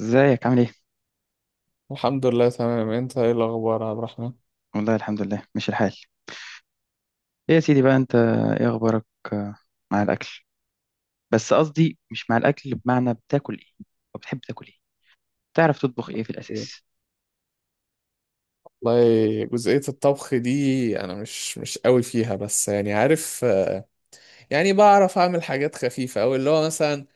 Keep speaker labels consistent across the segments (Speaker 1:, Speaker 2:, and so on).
Speaker 1: ازيك عامل ايه؟
Speaker 2: الحمد لله تمام. انت ايه الاخبار يا عبد الرحمن؟
Speaker 1: والله الحمد لله ماشي الحال. ايه يا سيدي بقى انت، ايه اخبارك؟ آه، مع الاكل. بس قصدي مش مع الاكل، بمعنى بتاكل ايه، او بتحب تاكل ايه، تعرف تطبخ ايه في
Speaker 2: ايه،
Speaker 1: الاساس؟
Speaker 2: والله جزئية الطبخ دي انا مش قوي فيها، بس يعني عارف، يعني بعرف اعمل حاجات خفيفة، او اللي هو مثلا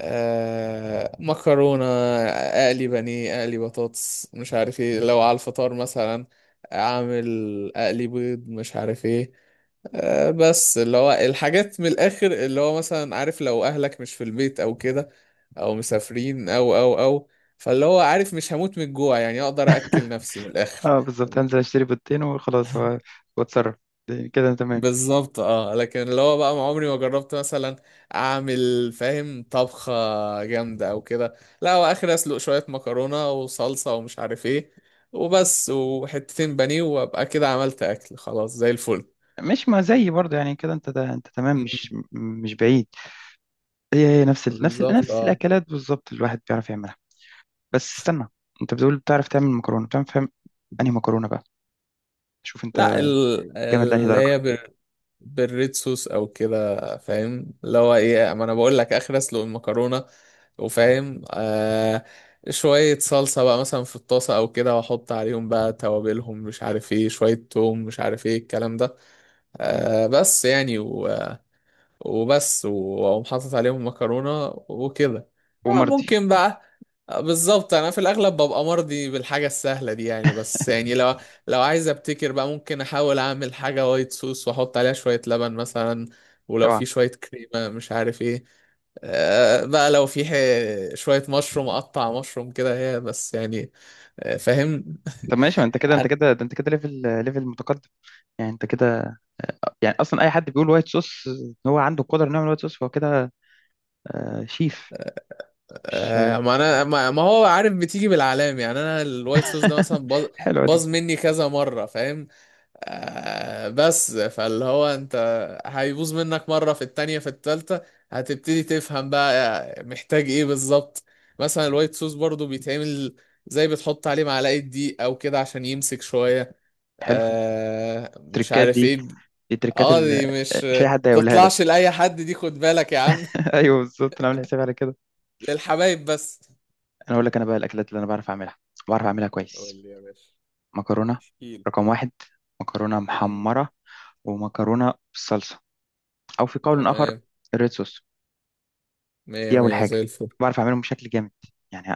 Speaker 2: مكرونة، أقلي بانيه، أقلي بطاطس مش عارف ايه، لو على الفطار مثلا أعمل، أقلي بيض مش عارف ايه. بس اللي هو الحاجات من الآخر، اللي هو مثلا عارف لو أهلك مش في البيت أو كده، أو مسافرين، أو فاللي هو عارف مش هموت من الجوع، يعني أقدر أأكل نفسي من الآخر.
Speaker 1: اه بالظبط، هنزل اشتري بيضتين وخلاص واتصرف. كده أنا تمام.
Speaker 2: بالظبط، اه. لكن اللي هو بقى ما عمري ما جربت مثلا اعمل، فاهم، طبخة جامدة او كده. لا، هو اخر اسلق شوية مكرونة وصلصة ومش عارف ايه، وبس، وحتتين بانيه، وابقى كده عملت اكل، خلاص زي الفل.
Speaker 1: مش، ما زي برضه يعني كده، انت ده انت تمام،
Speaker 2: مم.
Speaker 1: مش بعيد. هي نفس ال... نفس ال...
Speaker 2: بالظبط،
Speaker 1: نفس
Speaker 2: اه.
Speaker 1: الاكلات بالظبط، الواحد بيعرف يعملها. بس استنى، انت بتقول بتعرف تعمل مكرونه، بتعرف تعمل انهي مكرونه بقى؟ شوف انت
Speaker 2: لا، ال-
Speaker 1: جامد لانهي
Speaker 2: اللي
Speaker 1: درجه.
Speaker 2: هي بالريد صوص او كده، فاهم اللي هو ايه، ما انا بقول لك اخر اسلق المكرونه، وفاهم، آه، شويه صلصه بقى مثلا في الطاسه او كده، واحط عليهم بقى توابلهم مش عارف ايه، شويه توم مش عارف ايه الكلام ده، آه بس يعني وبس، واقوم حاطط عليهم مكرونة وكده. آه،
Speaker 1: ومرضي.
Speaker 2: ممكن بقى، بالظبط. انا في الاغلب ببقى مرضي بالحاجة السهلة دي يعني، بس يعني لو عايز ابتكر بقى، ممكن احاول اعمل حاجة وايت صوص واحط عليها شوية لبن مثلا، ولو
Speaker 1: اوعى.
Speaker 2: في شوية كريمة مش عارف ايه، آه بقى لو في شوية مشروم، اقطع مشروم كده، هي بس يعني، آه، فاهم.
Speaker 1: طب ماشي، ما انت كده انت كده، ده انت كده ليفل متقدم، يعني انت كده. يعني اصلا اي حد بيقول وايت صوص، ان هو عنده القدره انه يعمل وايت صوص، فهو كده آه شيف. مش
Speaker 2: آه، ما انا ما هو عارف بتيجي بالعلام يعني، انا الوايت صوص ده مثلا باظ
Speaker 1: حلوه دي!
Speaker 2: باظ مني كذا مره، فاهم، آه، بس فاللي هو انت هيبوظ منك مره، في التانية في التالتة هتبتدي تفهم بقى، آه، محتاج ايه بالظبط. مثلا الوايت صوص برضو بيتعمل زي، بتحط عليه معلقه دقيق او كده عشان يمسك شويه،
Speaker 1: حلو،
Speaker 2: مش
Speaker 1: التركات
Speaker 2: عارف
Speaker 1: دي
Speaker 2: ايه.
Speaker 1: دي التركات
Speaker 2: اه دي مش،
Speaker 1: مش اي حد هيقولها لك.
Speaker 2: تطلعش لاي حد، دي خد بالك يا عم.
Speaker 1: ايوه بالظبط، انا عامل حسابي على كده.
Speaker 2: للحبايب بس.
Speaker 1: انا اقول لك، انا بقى الاكلات اللي انا بعرف اعملها، بعرف اعملها
Speaker 2: قول
Speaker 1: كويس.
Speaker 2: لي يا باشا،
Speaker 1: مكرونه،
Speaker 2: احكيلي.
Speaker 1: رقم واحد. مكرونه
Speaker 2: مم.
Speaker 1: محمره، ومكرونه بالصلصه، او في قول اخر
Speaker 2: تمام.
Speaker 1: الريد صوص.
Speaker 2: مية
Speaker 1: دي أول
Speaker 2: مية
Speaker 1: حاجة
Speaker 2: زي الفل.
Speaker 1: بعرف أعملهم بشكل جامد، يعني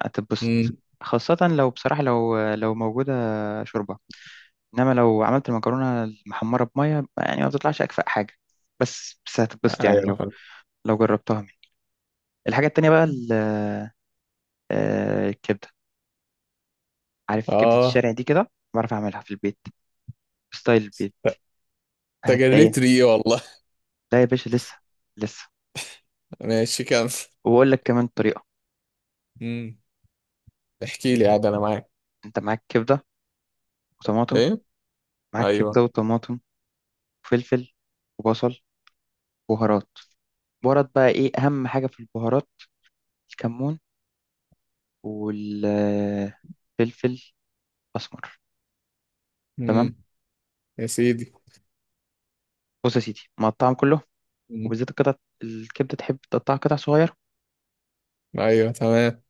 Speaker 2: مم.
Speaker 1: هتتبسط، خاصة لو بصراحة، لو موجودة شوربة. إنما لو عملت المكرونة المحمرة بمية، يعني ما بتطلعش أكفأ حاجة، بس هتتبسط يعني،
Speaker 2: ايوه،
Speaker 1: لو
Speaker 2: فل.
Speaker 1: لو جربتها مني. الحاجة التانية بقى الكبدة. عارف كبدة
Speaker 2: اه،
Speaker 1: الشارع دي؟ كده بعرف أعملها في البيت، بستايل البيت
Speaker 2: ت-
Speaker 1: هتلاقيها.
Speaker 2: تجريت ري والله.
Speaker 1: لا يا باشا، لسه لسه.
Speaker 2: ماشي كمل.
Speaker 1: وبقول لك كمان طريقة.
Speaker 2: مم. احكي لي، عاد انا معاك.
Speaker 1: أنت معاك كبدة وطماطم،
Speaker 2: ايه.
Speaker 1: معاك كبدة
Speaker 2: ايوه.
Speaker 1: وطماطم، وفلفل وبصل، بهارات. بهارات بقى، ايه اهم حاجه في البهارات؟ الكمون، والفلفل اسمر. تمام.
Speaker 2: مم. يا سيدي.
Speaker 1: بص يا سيدي، مقطعهم كله،
Speaker 2: مم.
Speaker 1: وبالذات القطع، الكبده تحب تقطعها قطع صغيره.
Speaker 2: ايوه تمام.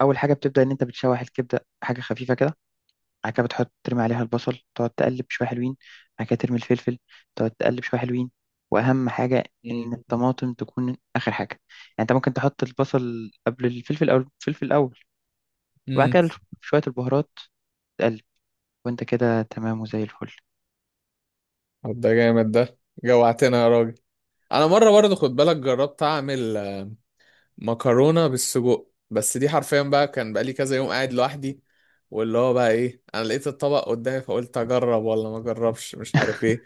Speaker 1: اول حاجه بتبدا ان انت بتشوح الكبده حاجه خفيفه كده. بعد كده بتحط، ترمي عليها البصل، تقعد تقلب شويه حلوين. بعد كده ترمي الفلفل، تقعد تقلب شويه حلوين. واهم حاجه ان
Speaker 2: مم.
Speaker 1: الطماطم تكون اخر حاجه يعني. انت ممكن تحط البصل قبل الفلفل، او الفلفل الاول، وبعد
Speaker 2: مم.
Speaker 1: كده شويه البهارات، تقلب، وانت كده تمام وزي الفل.
Speaker 2: طب ده جامد ده، جوعتنا يا راجل. انا مره برضه، خد بالك، جربت اعمل مكرونه بالسجق، بس دي حرفيا بقى كان بقالي كذا يوم قاعد لوحدي، واللي هو بقى ايه، انا لقيت الطبق قدامي فقلت اجرب ولا ما اجربش مش عارف ايه،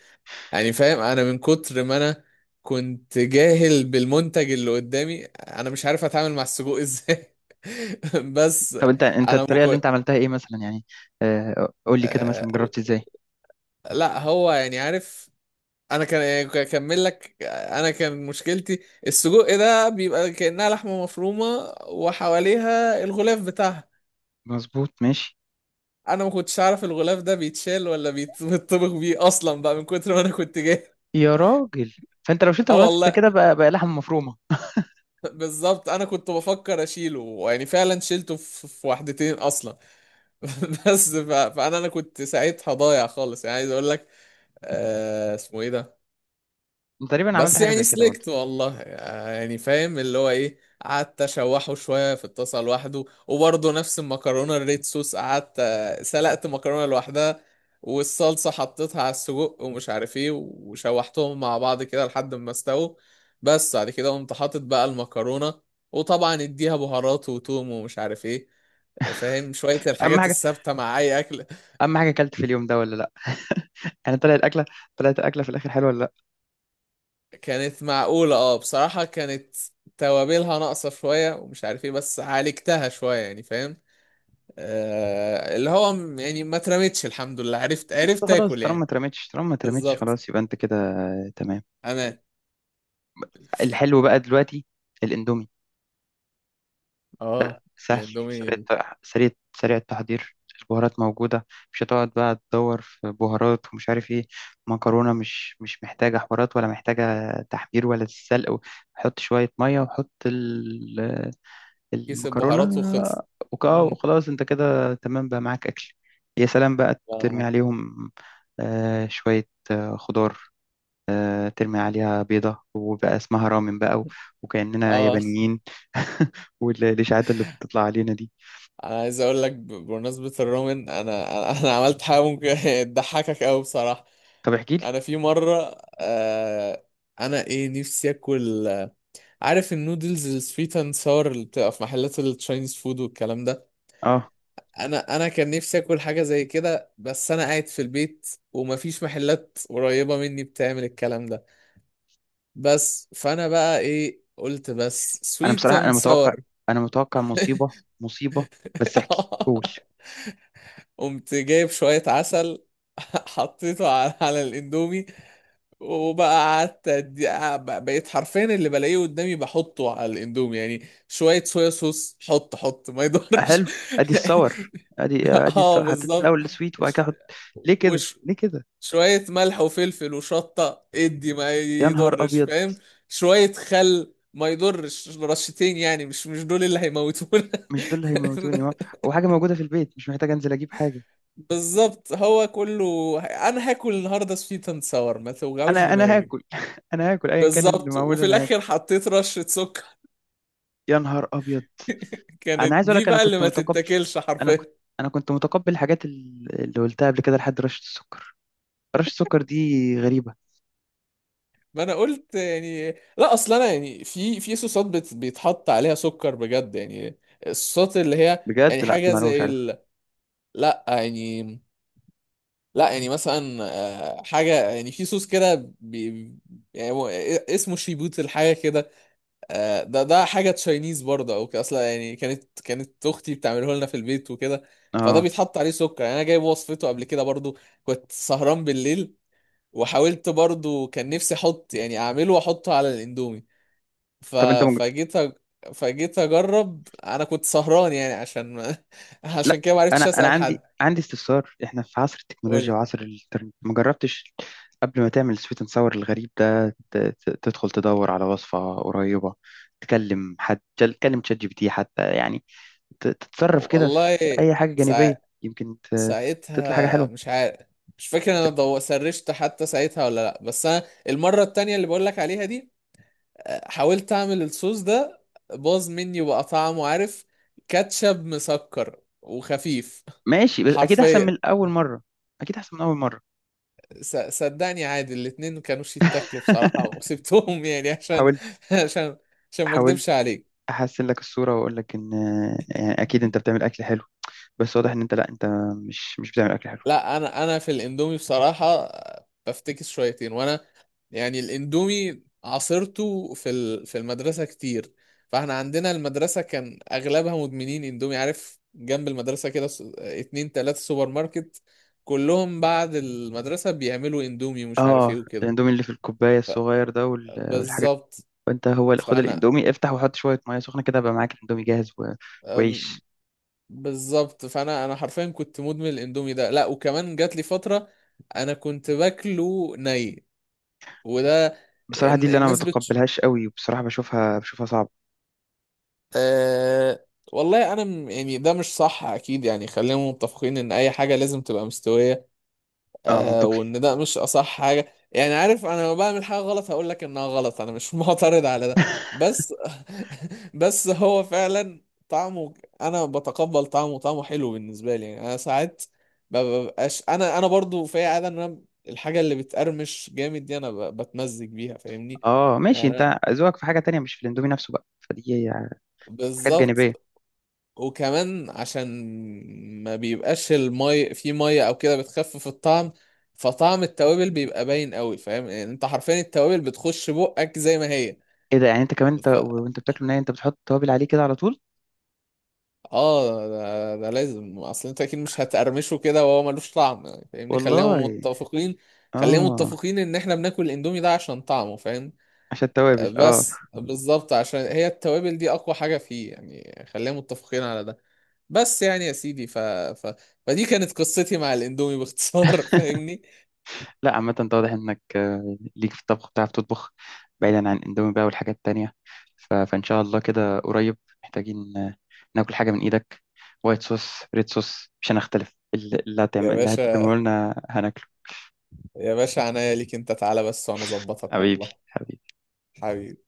Speaker 2: يعني فاهم انا من كتر ما انا كنت جاهل بالمنتج اللي قدامي، انا مش عارف اتعامل مع السجق ازاي. بس
Speaker 1: طب انت، انت
Speaker 2: انا
Speaker 1: الطريقه اللي
Speaker 2: مكو...
Speaker 1: انت عملتها ايه مثلا يعني؟ قول لي كده مثلا،
Speaker 2: آه...
Speaker 1: جربت ازاي؟
Speaker 2: لا هو يعني عارف، انا كان اكمل لك، انا كان مشكلتي السجق ده بيبقى كأنها لحمة مفرومة وحواليها الغلاف بتاعها،
Speaker 1: مظبوط، ماشي.
Speaker 2: انا ما كنتش عارف الغلاف ده بيتشال ولا بيتطبخ بيه اصلا، بقى من كتر ما انا كنت جاهل.
Speaker 1: يا راجل، فانت لو شلت
Speaker 2: اه
Speaker 1: الغلاف، انت
Speaker 2: والله،
Speaker 1: كده بقى، لحم مفرومه.
Speaker 2: بالظبط. انا كنت بفكر اشيله يعني، فعلا شيلته في واحدتين اصلا. فانا كنت ساعتها ضايع خالص، يعني عايز اقول لك، آه اسمه ايه ده
Speaker 1: انت تقريبا عملت
Speaker 2: بس
Speaker 1: حاجه
Speaker 2: يعني
Speaker 1: زي كده برضه.
Speaker 2: سلكت والله، يعني فاهم اللي هو ايه. قعدت اشوحه شويه في الطاسه لوحده، وبرضه نفس المكرونه الريد صوص، قعدت سلقت مكرونه لوحدها، والصلصه حطيتها على السجق ومش عارف ايه، وشوحتهم مع بعض كده لحد ما استووا، بس بعد كده قمت حاطط بقى المكرونه، وطبعا اديها بهارات وتوم ومش عارف ايه، فاهم شويه
Speaker 1: اهم
Speaker 2: الحاجات
Speaker 1: حاجه،
Speaker 2: الثابته مع اي اكل.
Speaker 1: اهم حاجه اكلت في اليوم ده ولا لا، يعني طلعت الاكله في الاخر حلوه ولا لا؟
Speaker 2: كانت معقولة، اه، بصراحة كانت توابلها ناقصة شوية ومش عارف ايه، بس عالجتها شوية، يعني فاهم، آه، اللي هو يعني ما اترمتش، الحمد لله، عرفت
Speaker 1: بس
Speaker 2: عرفت
Speaker 1: خلاص،
Speaker 2: اكل
Speaker 1: طالما ما
Speaker 2: يعني.
Speaker 1: اترمتش، طالما ما اترمتش
Speaker 2: بالظبط،
Speaker 1: خلاص، يبقى انت كده تمام.
Speaker 2: امان.
Speaker 1: الحلو بقى دلوقتي الاندومي.
Speaker 2: اه،
Speaker 1: سهل، سريع
Speaker 2: الاندومي
Speaker 1: الت- سريع سريع التحضير، البهارات موجودة، مش هتقعد بقى تدور في بهارات ومش عارف ايه. مكرونة مش محتاجة حوارات، ولا محتاجة تحمير، ولا تتسلق. حط شوية مية وحط
Speaker 2: كيس
Speaker 1: المكرونة،
Speaker 2: البهارات وخلص. مم.
Speaker 1: وخلاص، انت كده تمام بقى، معاك أكل. يا سلام بقى، ترمي
Speaker 2: اه.
Speaker 1: عليهم شوية خضار، ترمي عليها بيضة وبقى اسمها رامن بقى وكأننا
Speaker 2: آه.
Speaker 1: يابانيين. والإشاعات اللي بتطلع علينا دي.
Speaker 2: انا عايز اقول لك بمناسبة الرومن، انا عملت حاجة ممكن تضحكك قوي بصراحة.
Speaker 1: طب احكي لي.
Speaker 2: انا في مرة، آه، انا ايه، نفسي اكل، عارف النودلز السويت اند ساور اللي بتبقى في محلات التشاينيز فود والكلام ده،
Speaker 1: اه،
Speaker 2: انا كان نفسي اكل حاجه زي كده، بس انا قاعد في البيت ومفيش محلات قريبه مني بتعمل الكلام ده، بس فانا بقى ايه، قلت بس
Speaker 1: انا
Speaker 2: سويت
Speaker 1: بصراحه، انا
Speaker 2: اند
Speaker 1: متوقع
Speaker 2: ساور.
Speaker 1: انا متوقع مصيبه. مصيبه. بس احكي قول.
Speaker 2: قمت جايب شويه عسل، حطيته على الاندومي، وبقى قعدت بقيت حرفيا اللي بلاقيه قدامي بحطه على الاندومي، يعني شوية صويا صوص، حط ما يضرش،
Speaker 1: حلو. ادي الصور، ادي ادي
Speaker 2: اه
Speaker 1: الصور. حطيت
Speaker 2: بالظبط.
Speaker 1: الاول السويت وبعد كده
Speaker 2: ش-
Speaker 1: احط؟ ليه كده،
Speaker 2: وش
Speaker 1: ليه كده؟
Speaker 2: شوية ملح وفلفل وشطة، ادي ما
Speaker 1: يا نهار
Speaker 2: يضرش،
Speaker 1: ابيض.
Speaker 2: فاهم، شوية خل ما يضرش، رشتين يعني مش دول اللي هيموتونا.
Speaker 1: مش دول اللي هيموتوني وحاجه موجوده في البيت، مش محتاج انزل اجيب حاجه.
Speaker 2: بالظبط، هو كله، انا هاكل النهارده سويت اند ساور، ما توجعوش
Speaker 1: انا
Speaker 2: دماغي.
Speaker 1: هاكل انا هاكل ايا كان اللي
Speaker 2: بالظبط،
Speaker 1: معمول،
Speaker 2: وفي
Speaker 1: انا هاكل.
Speaker 2: الاخر حطيت رشة سكر.
Speaker 1: يا نهار ابيض. انا
Speaker 2: كانت
Speaker 1: عايز اقول
Speaker 2: دي
Speaker 1: لك، انا
Speaker 2: بقى اللي
Speaker 1: كنت
Speaker 2: ما
Speaker 1: متقبل،
Speaker 2: تتاكلش
Speaker 1: انا كنت
Speaker 2: حرفيا.
Speaker 1: انا كنت متقبل الحاجات اللي قلتها قبل كده، لحد رشه السكر. رشه السكر دي غريبه.
Speaker 2: ما انا قلت يعني، لا اصل انا يعني في بيتحط عليها سكر بجد يعني، الصوصات اللي هي يعني
Speaker 1: بجد؟ لا دي
Speaker 2: حاجة
Speaker 1: معلومه مش
Speaker 2: زي
Speaker 1: عارفها.
Speaker 2: ال، لا يعني، لا يعني مثلا، آه، حاجة يعني في صوص كده بي، يعني هو اسمه شيبوت الحاجة كده، آه، ده ده حاجه تشاينيز برضه او كده اصلا يعني، كانت كانت اختي بتعمله لنا في البيت وكده، فده
Speaker 1: اه.
Speaker 2: بيتحط عليه سكر يعني، انا جايب وصفته قبل كده برضه، كنت سهران بالليل، وحاولت برضه كان نفسي احط يعني اعمله واحطه على الاندومي، ف...
Speaker 1: طب انت
Speaker 2: فجيت أ... فجيت اجرب، انا كنت سهران يعني عشان ما... عشان
Speaker 1: لا،
Speaker 2: كده ما
Speaker 1: انا
Speaker 2: عرفتش
Speaker 1: انا
Speaker 2: اسال حد.
Speaker 1: عندي استفسار. احنا في عصر التكنولوجيا
Speaker 2: قول
Speaker 1: وعصر الانترنت، ما جربتش قبل ما تعمل سويت اند ساور الغريب ده تدخل تدور على وصفة قريبة، تكلم حد، تكلم تشات جي بي تي حتى يعني، تتصرف كده في
Speaker 2: والله،
Speaker 1: اي حاجة جانبية،
Speaker 2: سا...
Speaker 1: يمكن تطلع حاجة
Speaker 2: ساعتها
Speaker 1: حلوة.
Speaker 2: مش عارف، مش فاكر انا سرشت حتى ساعتها ولا لا، بس انا المره التانية اللي بقول لك عليها دي، حاولت اعمل الصوص ده، باظ مني، وبقى طعمه عارف، كاتشب مسكر وخفيف.
Speaker 1: ماشي، بس اكيد احسن
Speaker 2: حرفيا،
Speaker 1: من اول مرة، اكيد احسن من اول مرة.
Speaker 2: صدقني عادي، الاتنين ما كانوش يتاكلوا بصراحة، وسبتهم يعني عشان
Speaker 1: حاولت
Speaker 2: عشان عشان ما
Speaker 1: حاولت
Speaker 2: اكدبش عليك.
Speaker 1: احسن لك الصورة، واقول لك ان يعني اكيد انت بتعمل اكل حلو، بس واضح ان انت، لا، انت مش بتعمل اكل حلو.
Speaker 2: لا، انا في الاندومي بصراحه بفتكس شويتين، وانا يعني الاندومي عاصرته في في المدرسه كتير، فاحنا عندنا المدرسه كان اغلبها مدمنين اندومي، عارف جنب المدرسه كده، اتنين تلاته سوبر ماركت كلهم بعد المدرسه بيعملوا اندومي ومش عارف ايه
Speaker 1: اه
Speaker 2: وكده.
Speaker 1: الاندومي اللي في الكوبايه
Speaker 2: ف-
Speaker 1: الصغير ده والحاجات.
Speaker 2: بالظبط
Speaker 1: انت هو، خد
Speaker 2: فانا
Speaker 1: الاندومي، افتح وحط شويه ميه سخنه كده، بقى معاك الاندومي جاهز وعيش.
Speaker 2: بالظبط، فانا حرفيا كنت مدمن الاندومي ده، لا وكمان جات لي فتره انا كنت باكله ني، وده،
Speaker 1: بصراحه دي
Speaker 2: إن-
Speaker 1: اللي انا ما
Speaker 2: الناس بت
Speaker 1: بتقبلهاش قوي، وبصراحه بشوفها صعبه.
Speaker 2: آه والله انا يعني ده مش صح اكيد يعني، خلينا متفقين ان اي حاجه لازم تبقى مستويه،
Speaker 1: اه
Speaker 2: آه،
Speaker 1: منطقي.
Speaker 2: وان ده مش اصح حاجه، يعني عارف، انا لما بعمل حاجه غلط هقول لك انها غلط، انا مش معترض على ده، بس بس هو فعلا طعمه، انا بتقبل طعمه، طعمه حلو بالنسبه لي يعني. انا ساعات ما ببقاش، انا برضو في عاده ان انا الحاجه اللي بتقرمش جامد دي انا بتمزج بيها، فاهمني.
Speaker 1: اه ماشي،
Speaker 2: يعني أنا-
Speaker 1: انت ذوقك في حاجه تانية، مش في الاندومي نفسه بقى، فدي يعني حاجات جانبيه.
Speaker 2: بالظبط. وكمان عشان ما بيبقاش المي في ميه او كده بتخفف الطعم، فطعم التوابل بيبقى باين قوي، فاهم يعني انت حرفيا التوابل بتخش بقك زي ما هي.
Speaker 1: ايه ده، يعني انت كمان انت
Speaker 2: ف
Speaker 1: وانت بتاكله ناي انت بتحط توابل عليه كده على طول؟
Speaker 2: اه ده, ده لازم، اصل انت اكيد مش هتقرمشه كده وهو ملوش طعم، يعني فاهمني، خلينا
Speaker 1: والله.
Speaker 2: متفقين، خلينا
Speaker 1: اه،
Speaker 2: متفقين ان احنا بناكل الاندومي ده عشان طعمه فاهم.
Speaker 1: عشان التوابل، اه.
Speaker 2: بس بالظبط، عشان هي التوابل دي اقوى حاجة فيه يعني، خلينا متفقين على ده. بس يعني يا سيدي، فدي كانت قصتي مع الاندومي باختصار. فاهمني
Speaker 1: لا عامة، انت واضح انك ليك في الطبخ، بتعرف تطبخ، بعيدا عن اندومي بقى والحاجات التانية، فان شاء الله كده قريب محتاجين ناكل حاجة من ايدك. وايت صوص، ريد صوص، مش هنختلف، اللي
Speaker 2: يا
Speaker 1: هتعمل، اللي هتقدمه
Speaker 2: باشا،
Speaker 1: لنا هناكله.
Speaker 2: يا باشا، عناية ليك، انت تعالى بس وانا اظبطك
Speaker 1: حبيبي
Speaker 2: والله.
Speaker 1: حبيبي.
Speaker 2: حبيبي.